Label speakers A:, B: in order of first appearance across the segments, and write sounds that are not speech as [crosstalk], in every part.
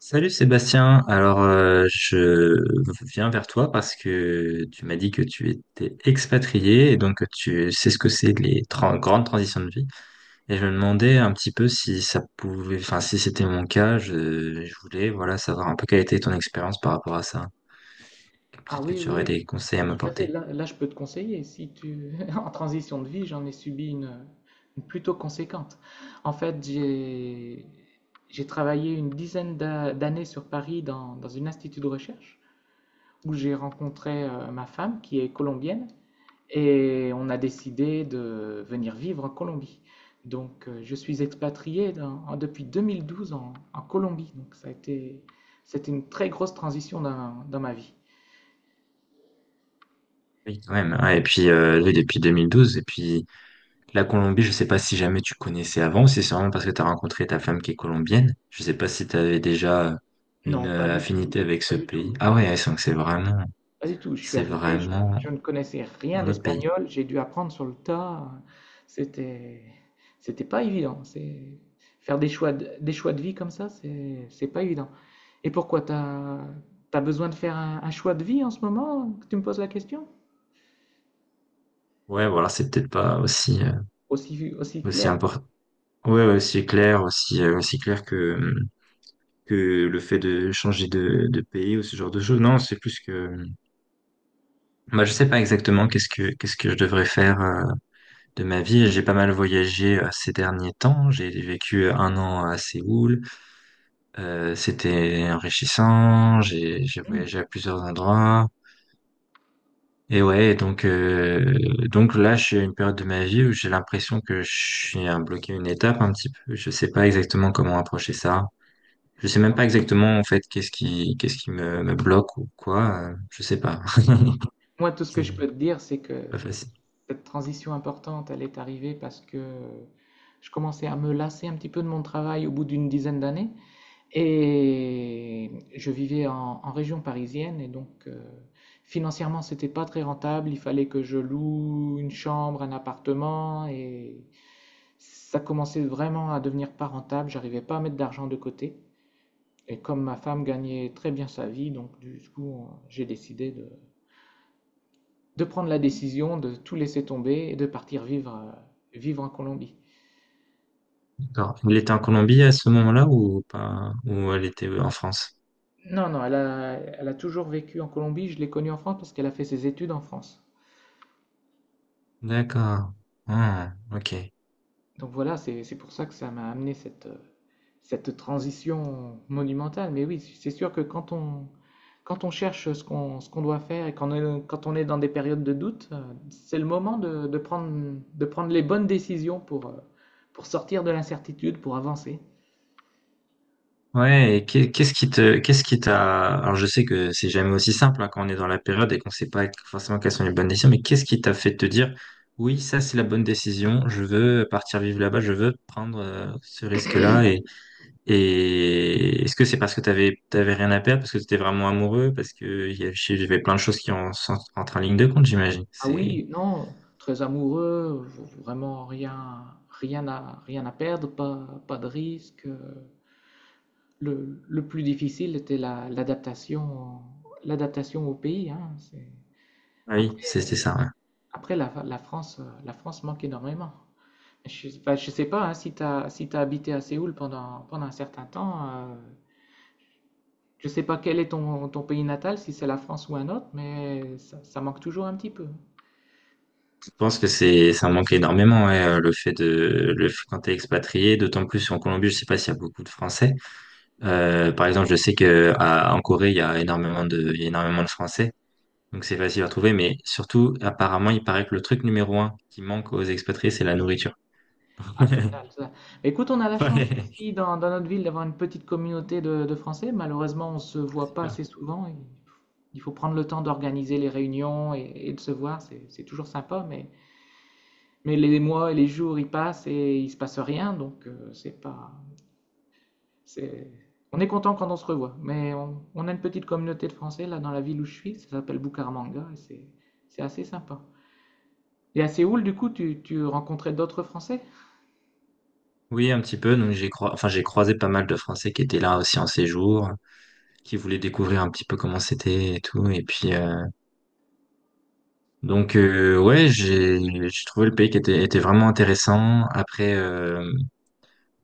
A: Salut Sébastien, alors je viens vers toi parce que tu m'as dit que tu étais expatrié et donc que tu sais ce que c'est les grandes transitions de vie et je me demandais un petit peu si ça pouvait, enfin si c'était mon cas, je voulais voilà savoir un peu quelle était ton expérience par rapport à ça.
B: Ah
A: Peut-être que
B: oui,
A: tu
B: oui,
A: aurais
B: oui.
A: des
B: Bah,
A: conseils à
B: tout à fait.
A: m'apporter.
B: Là, je peux te conseiller. Si tu [laughs] en transition de vie, j'en ai subi une plutôt conséquente. En fait, j'ai travaillé une dizaine d'a- d'années sur Paris dans un institut de recherche où j'ai rencontré ma femme qui est colombienne et on a décidé de venir vivre en Colombie. Donc, je suis expatrié depuis 2012 en, en Colombie. Donc, ça a été c'était une très grosse transition dans dans ma vie.
A: Oui, quand même. Ouais, et puis oui, depuis 2012. Et puis la Colombie, je sais pas si jamais tu connaissais avant, si c'est vraiment parce que tu as rencontré ta femme qui est colombienne. Je sais pas si tu avais déjà une
B: Non, pas du
A: affinité
B: tout,
A: avec ce
B: pas du
A: pays.
B: tout,
A: Ah ouais, ouais, donc c'est vraiment,
B: pas du tout. Je suis
A: c'est
B: arrivé,
A: vraiment
B: je ne connaissais rien
A: un autre pays.
B: d'espagnol, j'ai dû apprendre sur le tas. C'était, c'était pas évident. C'est faire des choix de vie comme ça, c'est pas évident. Et pourquoi t'as besoin de faire un choix de vie en ce moment que tu me poses la question?
A: Ouais, voilà, c'est peut-être pas aussi,
B: Aussi, aussi
A: aussi
B: clair.
A: important. Ouais, ouais, aussi clair, aussi, aussi clair que le fait de changer de pays ou ce genre de choses. Non, c'est plus que, bah, je sais pas exactement qu'est-ce que je devrais faire, de ma vie. J'ai pas mal voyagé, ces derniers temps. J'ai vécu un an à Séoul. C'était enrichissant, j'ai
B: Hmm.
A: voyagé à plusieurs endroits. Et ouais, donc là, je suis à une période de ma vie où j'ai l'impression que je suis à bloquer une étape un petit peu. Je sais pas exactement comment approcher ça. Je sais même pas exactement en fait qu'est-ce qui me bloque ou quoi. Je sais pas. [laughs]
B: Moi, tout ce que je peux
A: C'est
B: te dire, c'est que
A: pas facile.
B: cette transition importante, elle est arrivée parce que je commençais à me lasser un petit peu de mon travail au bout d'une dizaine d'années. Et je vivais en, en région parisienne et donc financièrement c'était pas très rentable. Il fallait que je loue une chambre, un appartement et ça commençait vraiment à devenir pas rentable. J'arrivais pas à mettre d'argent de côté. Et comme ma femme gagnait très bien sa vie, donc du coup j'ai décidé de prendre la décision de tout laisser tomber et de partir vivre, vivre en Colombie.
A: D'accord. Elle était en Colombie à ce moment-là, ou pas? Ou elle était en France?
B: Non, non, elle a, elle a toujours vécu en Colombie. Je l'ai connue en France parce qu'elle a fait ses études en France.
A: D'accord. Ah, ok.
B: Donc voilà, c'est pour ça que ça m'a amené cette, cette transition monumentale. Mais oui, c'est sûr que quand on, quand on cherche ce qu'on doit faire et quand on est dans des périodes de doute, c'est le moment de prendre les bonnes décisions pour sortir de l'incertitude, pour avancer.
A: Ouais, et qu'est- qu'est-ce qui te, qu'est-ce qui t'a, alors je sais que c'est jamais aussi simple, hein, quand on est dans la période et qu'on sait pas forcément quelles sont les bonnes décisions, mais qu'est-ce qui t'a fait te dire, oui, ça c'est la bonne décision, je veux partir vivre là-bas, je veux prendre ce risque-là, et est-ce que c'est parce que t'avais rien à perdre, parce que t'étais vraiment amoureux, parce que il y avait plein de choses qui entrent en ligne de compte, j'imagine.
B: Ah oui, non, très amoureux, vraiment rien, rien à, rien à perdre, pas, pas de risque. Le plus difficile était l'adaptation, l'adaptation au pays, hein. C'est-
A: Ah oui,
B: Après,
A: c'était ça. Ouais.
B: après la, la France manque énormément. Je sais pas, hein, si tu as, si t'as habité à Séoul pendant, pendant un certain temps, je ne sais pas quel est ton, ton pays natal, si c'est la France ou un autre, mais ça manque toujours un petit peu.
A: Je pense que c'est ça manque énormément, ouais, le fait quand t'es expatrié, d'autant plus en Colombie. Je sais pas s'il y a beaucoup de Français. Par exemple, je sais que en Corée, il y a énormément de Français, donc c'est facile à trouver. Mais surtout, apparemment, il paraît que le truc numéro un qui manque aux expatriés, c'est la nourriture.
B: Ah, total,
A: [laughs]
B: ça. Écoute, on a la chance
A: Ouais.
B: ici dans, dans notre ville d'avoir une petite communauté de Français. Malheureusement, on ne se voit pas
A: Super.
B: assez souvent. Et il faut prendre le temps d'organiser les réunions et de se voir. C'est toujours sympa, mais les mois et les jours, ils passent et il ne se passe rien. Donc, c'est pas. C'est- On est content quand on se revoit. Mais on a une petite communauté de Français là dans la ville où je suis. Ça s'appelle Bucaramanga et c'est assez sympa. Et à Séoul, du coup, tu rencontrais d'autres Français?
A: Oui, un petit peu. Donc enfin, j'ai croisé pas mal de Français qui étaient là aussi en séjour, qui voulaient découvrir un petit peu comment c'était et tout. Et puis ouais, j'ai trouvé le pays qui était vraiment intéressant. Après,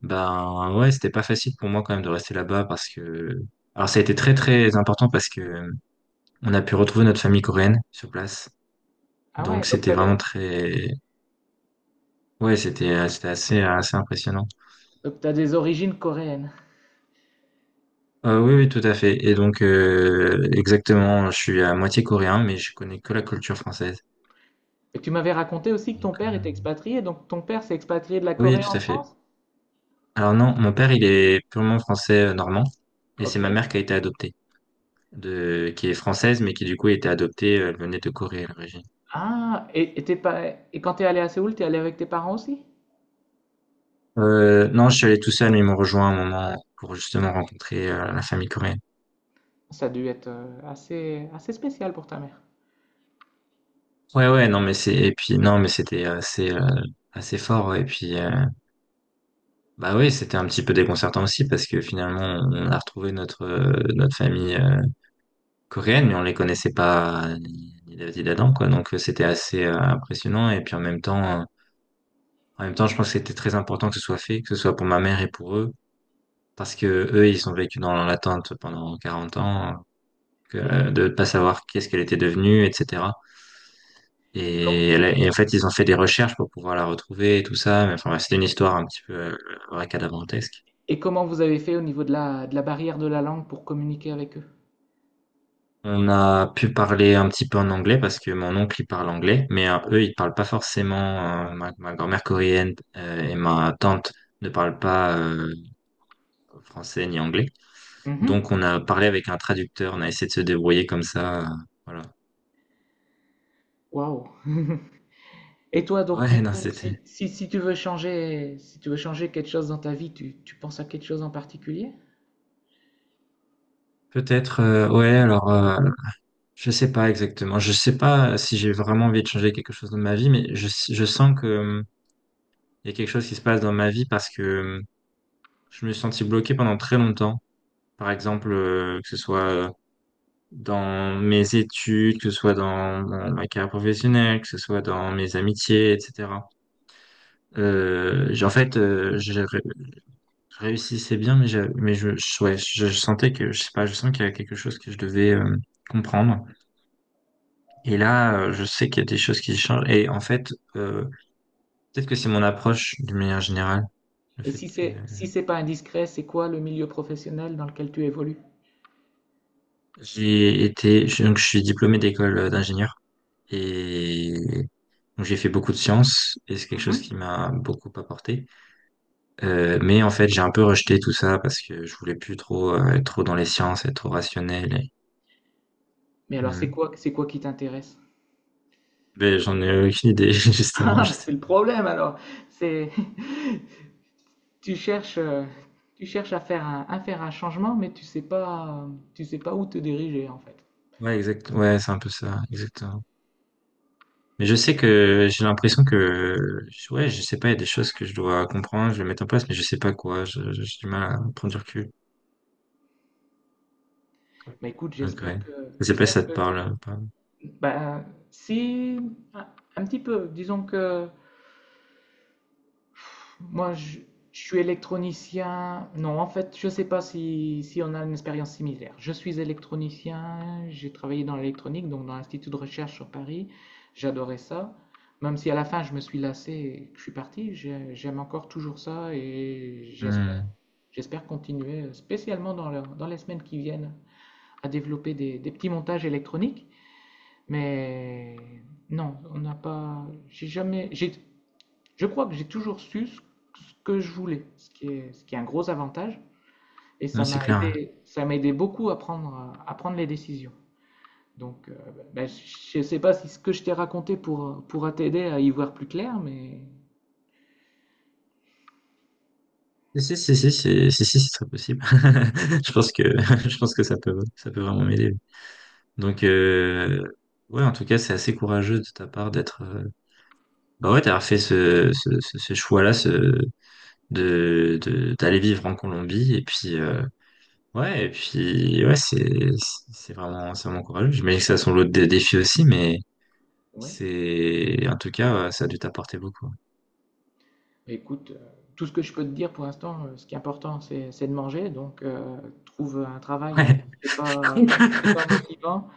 A: ben ouais, c'était pas facile pour moi quand même de rester là-bas parce que alors ça a été très très important parce que on a pu retrouver notre famille coréenne sur place.
B: Ah ouais,
A: Donc
B: donc tu
A: c'était
B: as des
A: vraiment très ouais, c'était assez assez impressionnant.
B: donc t'as des origines coréennes.
A: Oui, oui, tout à fait. Et donc exactement, je suis à moitié coréen mais je connais que la culture française.
B: Et tu m'avais raconté aussi que
A: Donc,
B: ton père était expatrié, donc ton père s'est expatrié de la
A: oui,
B: Corée
A: tout
B: en
A: à fait.
B: France?
A: Alors non, mon père, il est purement français, normand. Et c'est
B: Ok.
A: ma mère qui a été adoptée de qui est française mais qui du coup a été adoptée, elle venait de Corée à l'origine.
B: Ah, et t'es pas, et quand t'es allé à Séoul, t'es allé avec tes parents aussi?
A: Non, je suis allé tout seul, mais ils m'ont rejoint à un moment pour justement rencontrer la famille coréenne.
B: Ça a dû être assez, assez spécial pour ta mère.
A: Ouais, ouais, non, et puis, non, mais c'était assez, assez fort, ouais. Et puis, bah oui, c'était un petit peu déconcertant aussi parce que finalement, on a retrouvé notre famille coréenne, mais on les connaissait pas ni David ni d'Adam, quoi. Donc, c'était assez impressionnant. Et puis, en même temps, je pense que c'était très important que ce soit fait, que ce soit pour ma mère et pour eux. Parce que eux, ils ont vécu dans l'attente pendant 40 ans,
B: Et,
A: de pas savoir qu'est-ce qu'elle était devenue, etc.
B: et com-
A: Et en fait, ils ont fait des recherches pour pouvoir la retrouver et tout ça. Mais enfin, ouais, c'était une histoire un petit peu racadabrantesque.
B: et comment vous avez fait au niveau de la barrière de la langue pour communiquer avec eux?
A: On a pu parler un petit peu en anglais parce que mon oncle, il parle anglais, mais eux, ils parlent pas forcément. Ma grand-mère coréenne et ma tante ne parlent pas français ni anglais.
B: Mhm.
A: Donc, on a parlé avec un traducteur, on a essayé de se débrouiller comme ça. Voilà.
B: Waouh. [laughs] Et toi, donc, du
A: Ouais, non,
B: coup,
A: c'était
B: si, si, si tu veux changer, si tu veux changer quelque chose dans ta vie, tu penses à quelque chose en particulier?
A: peut-être. Ouais, alors. Je sais pas exactement. Je sais pas si j'ai vraiment envie de changer quelque chose dans ma vie, mais je sens que, il y a quelque chose qui se passe dans ma vie parce que je me suis senti bloqué pendant très longtemps. Par exemple, que ce soit dans mes études, que ce soit dans ma carrière professionnelle, que ce soit dans mes amitiés, etc. En fait, je réussissais bien, mais ouais, je sentais que, je sais pas, je sens qu'il y a quelque chose que je devais comprendre. Et là, je sais qu'il y a des choses qui changent. Et en fait, peut-être que c'est mon approche d'une manière générale, le
B: Et
A: fait
B: si
A: que
B: c'est, si c'est pas indiscret, c'est quoi le milieu professionnel dans lequel tu évolues?
A: donc je suis diplômé d'école d'ingénieur. Et donc j'ai fait beaucoup de sciences et c'est quelque chose qui
B: Mhm.
A: m'a beaucoup apporté. Mais en fait, j'ai un peu rejeté tout ça parce que je voulais plus trop être trop dans les sciences, être trop rationnel. Et...
B: Mais alors,
A: Hmm.
B: c'est quoi qui t'intéresse? [laughs]
A: Mais j'en ai aucune idée [laughs] justement.
B: Ah,
A: Je
B: mais c'est
A: sais.
B: le problème alors. C'est, [laughs] tu cherches, euh, tu cherches à faire un changement, mais tu sais pas où te diriger en fait.
A: Ouais, exact. Ouais, c'est un peu ça, exactement. Mais je sais que j'ai l'impression que ouais, je sais pas, il y a des choses que je dois comprendre, je vais mettre en place, mais je sais pas quoi. J'ai du mal à prendre du recul.
B: Mais écoute,
A: Ok. Ouais. Je sais pas si
B: j'espère
A: ça te
B: que,
A: parle, ou pas.
B: bah, si, un, un petit peu, disons que Moi, je, je suis électronicien. Non, en fait, je ne sais pas si, si on a une expérience similaire. Je suis électronicien, j'ai travaillé dans l'électronique, donc dans l'Institut de recherche sur Paris. J'adorais ça. Même si à la fin, je me suis lassé et que je suis parti, j'aime encore toujours ça et j'espère,
A: Hmm.
B: j'espère continuer, spécialement dans, dans les semaines qui viennent, à développer des petits montages électroniques. Mais non, on n'a pas. J'ai jamais. Je crois que j'ai toujours su ce que je voulais, ce qui est un gros avantage. Et
A: Non, c'est clair.
B: ça m'a aidé beaucoup à prendre les décisions. Donc, ben, je ne sais pas si ce que je t'ai raconté pourra, pourra t'aider à y voir plus clair, mais
A: Si, si, si, si, si, si, si, c'est très possible. [laughs] Je pense que, [laughs] je pense que ça peut vraiment m'aider. Donc, ouais, en tout cas, c'est assez courageux de ta part d'être, bah ouais, d'avoir fait ce choix-là, d'aller vivre en Colombie. Et puis, ouais, et puis, ouais, c'est vraiment courageux. J'imagine que ça a son lot de défis aussi, mais
B: ouais.
A: en tout cas, ouais, ça a dû t'apporter beaucoup.
B: Mais écoute, tout ce que je peux te dire pour l'instant, ce qui est important, c'est de manger. Donc, trouve un travail, même
A: Ouais.
B: si c'est pas, même si c'est
A: [laughs]
B: pas motivant,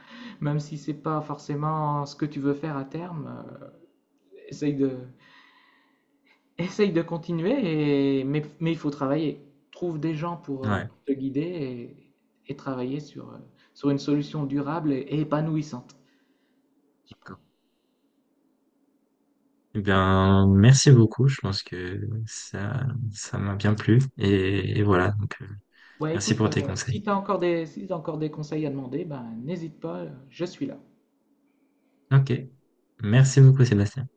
B: même si c'est pas forcément ce que tu veux faire à terme. Essaye de, essaye de continuer, et... mais il faut travailler. Trouve des gens
A: Ouais.
B: pour te guider et travailler sur, sur une solution durable et épanouissante. Je pense.
A: Eh bien, merci beaucoup. Je pense que ça m'a bien plu. Et voilà. Donc,
B: Ouais,
A: merci
B: écoute,
A: pour tes
B: si
A: conseils.
B: tu as encore des, si t'as encore des conseils à demander, ben, n'hésite pas, je suis là.
A: Ok. Merci beaucoup, Sébastien.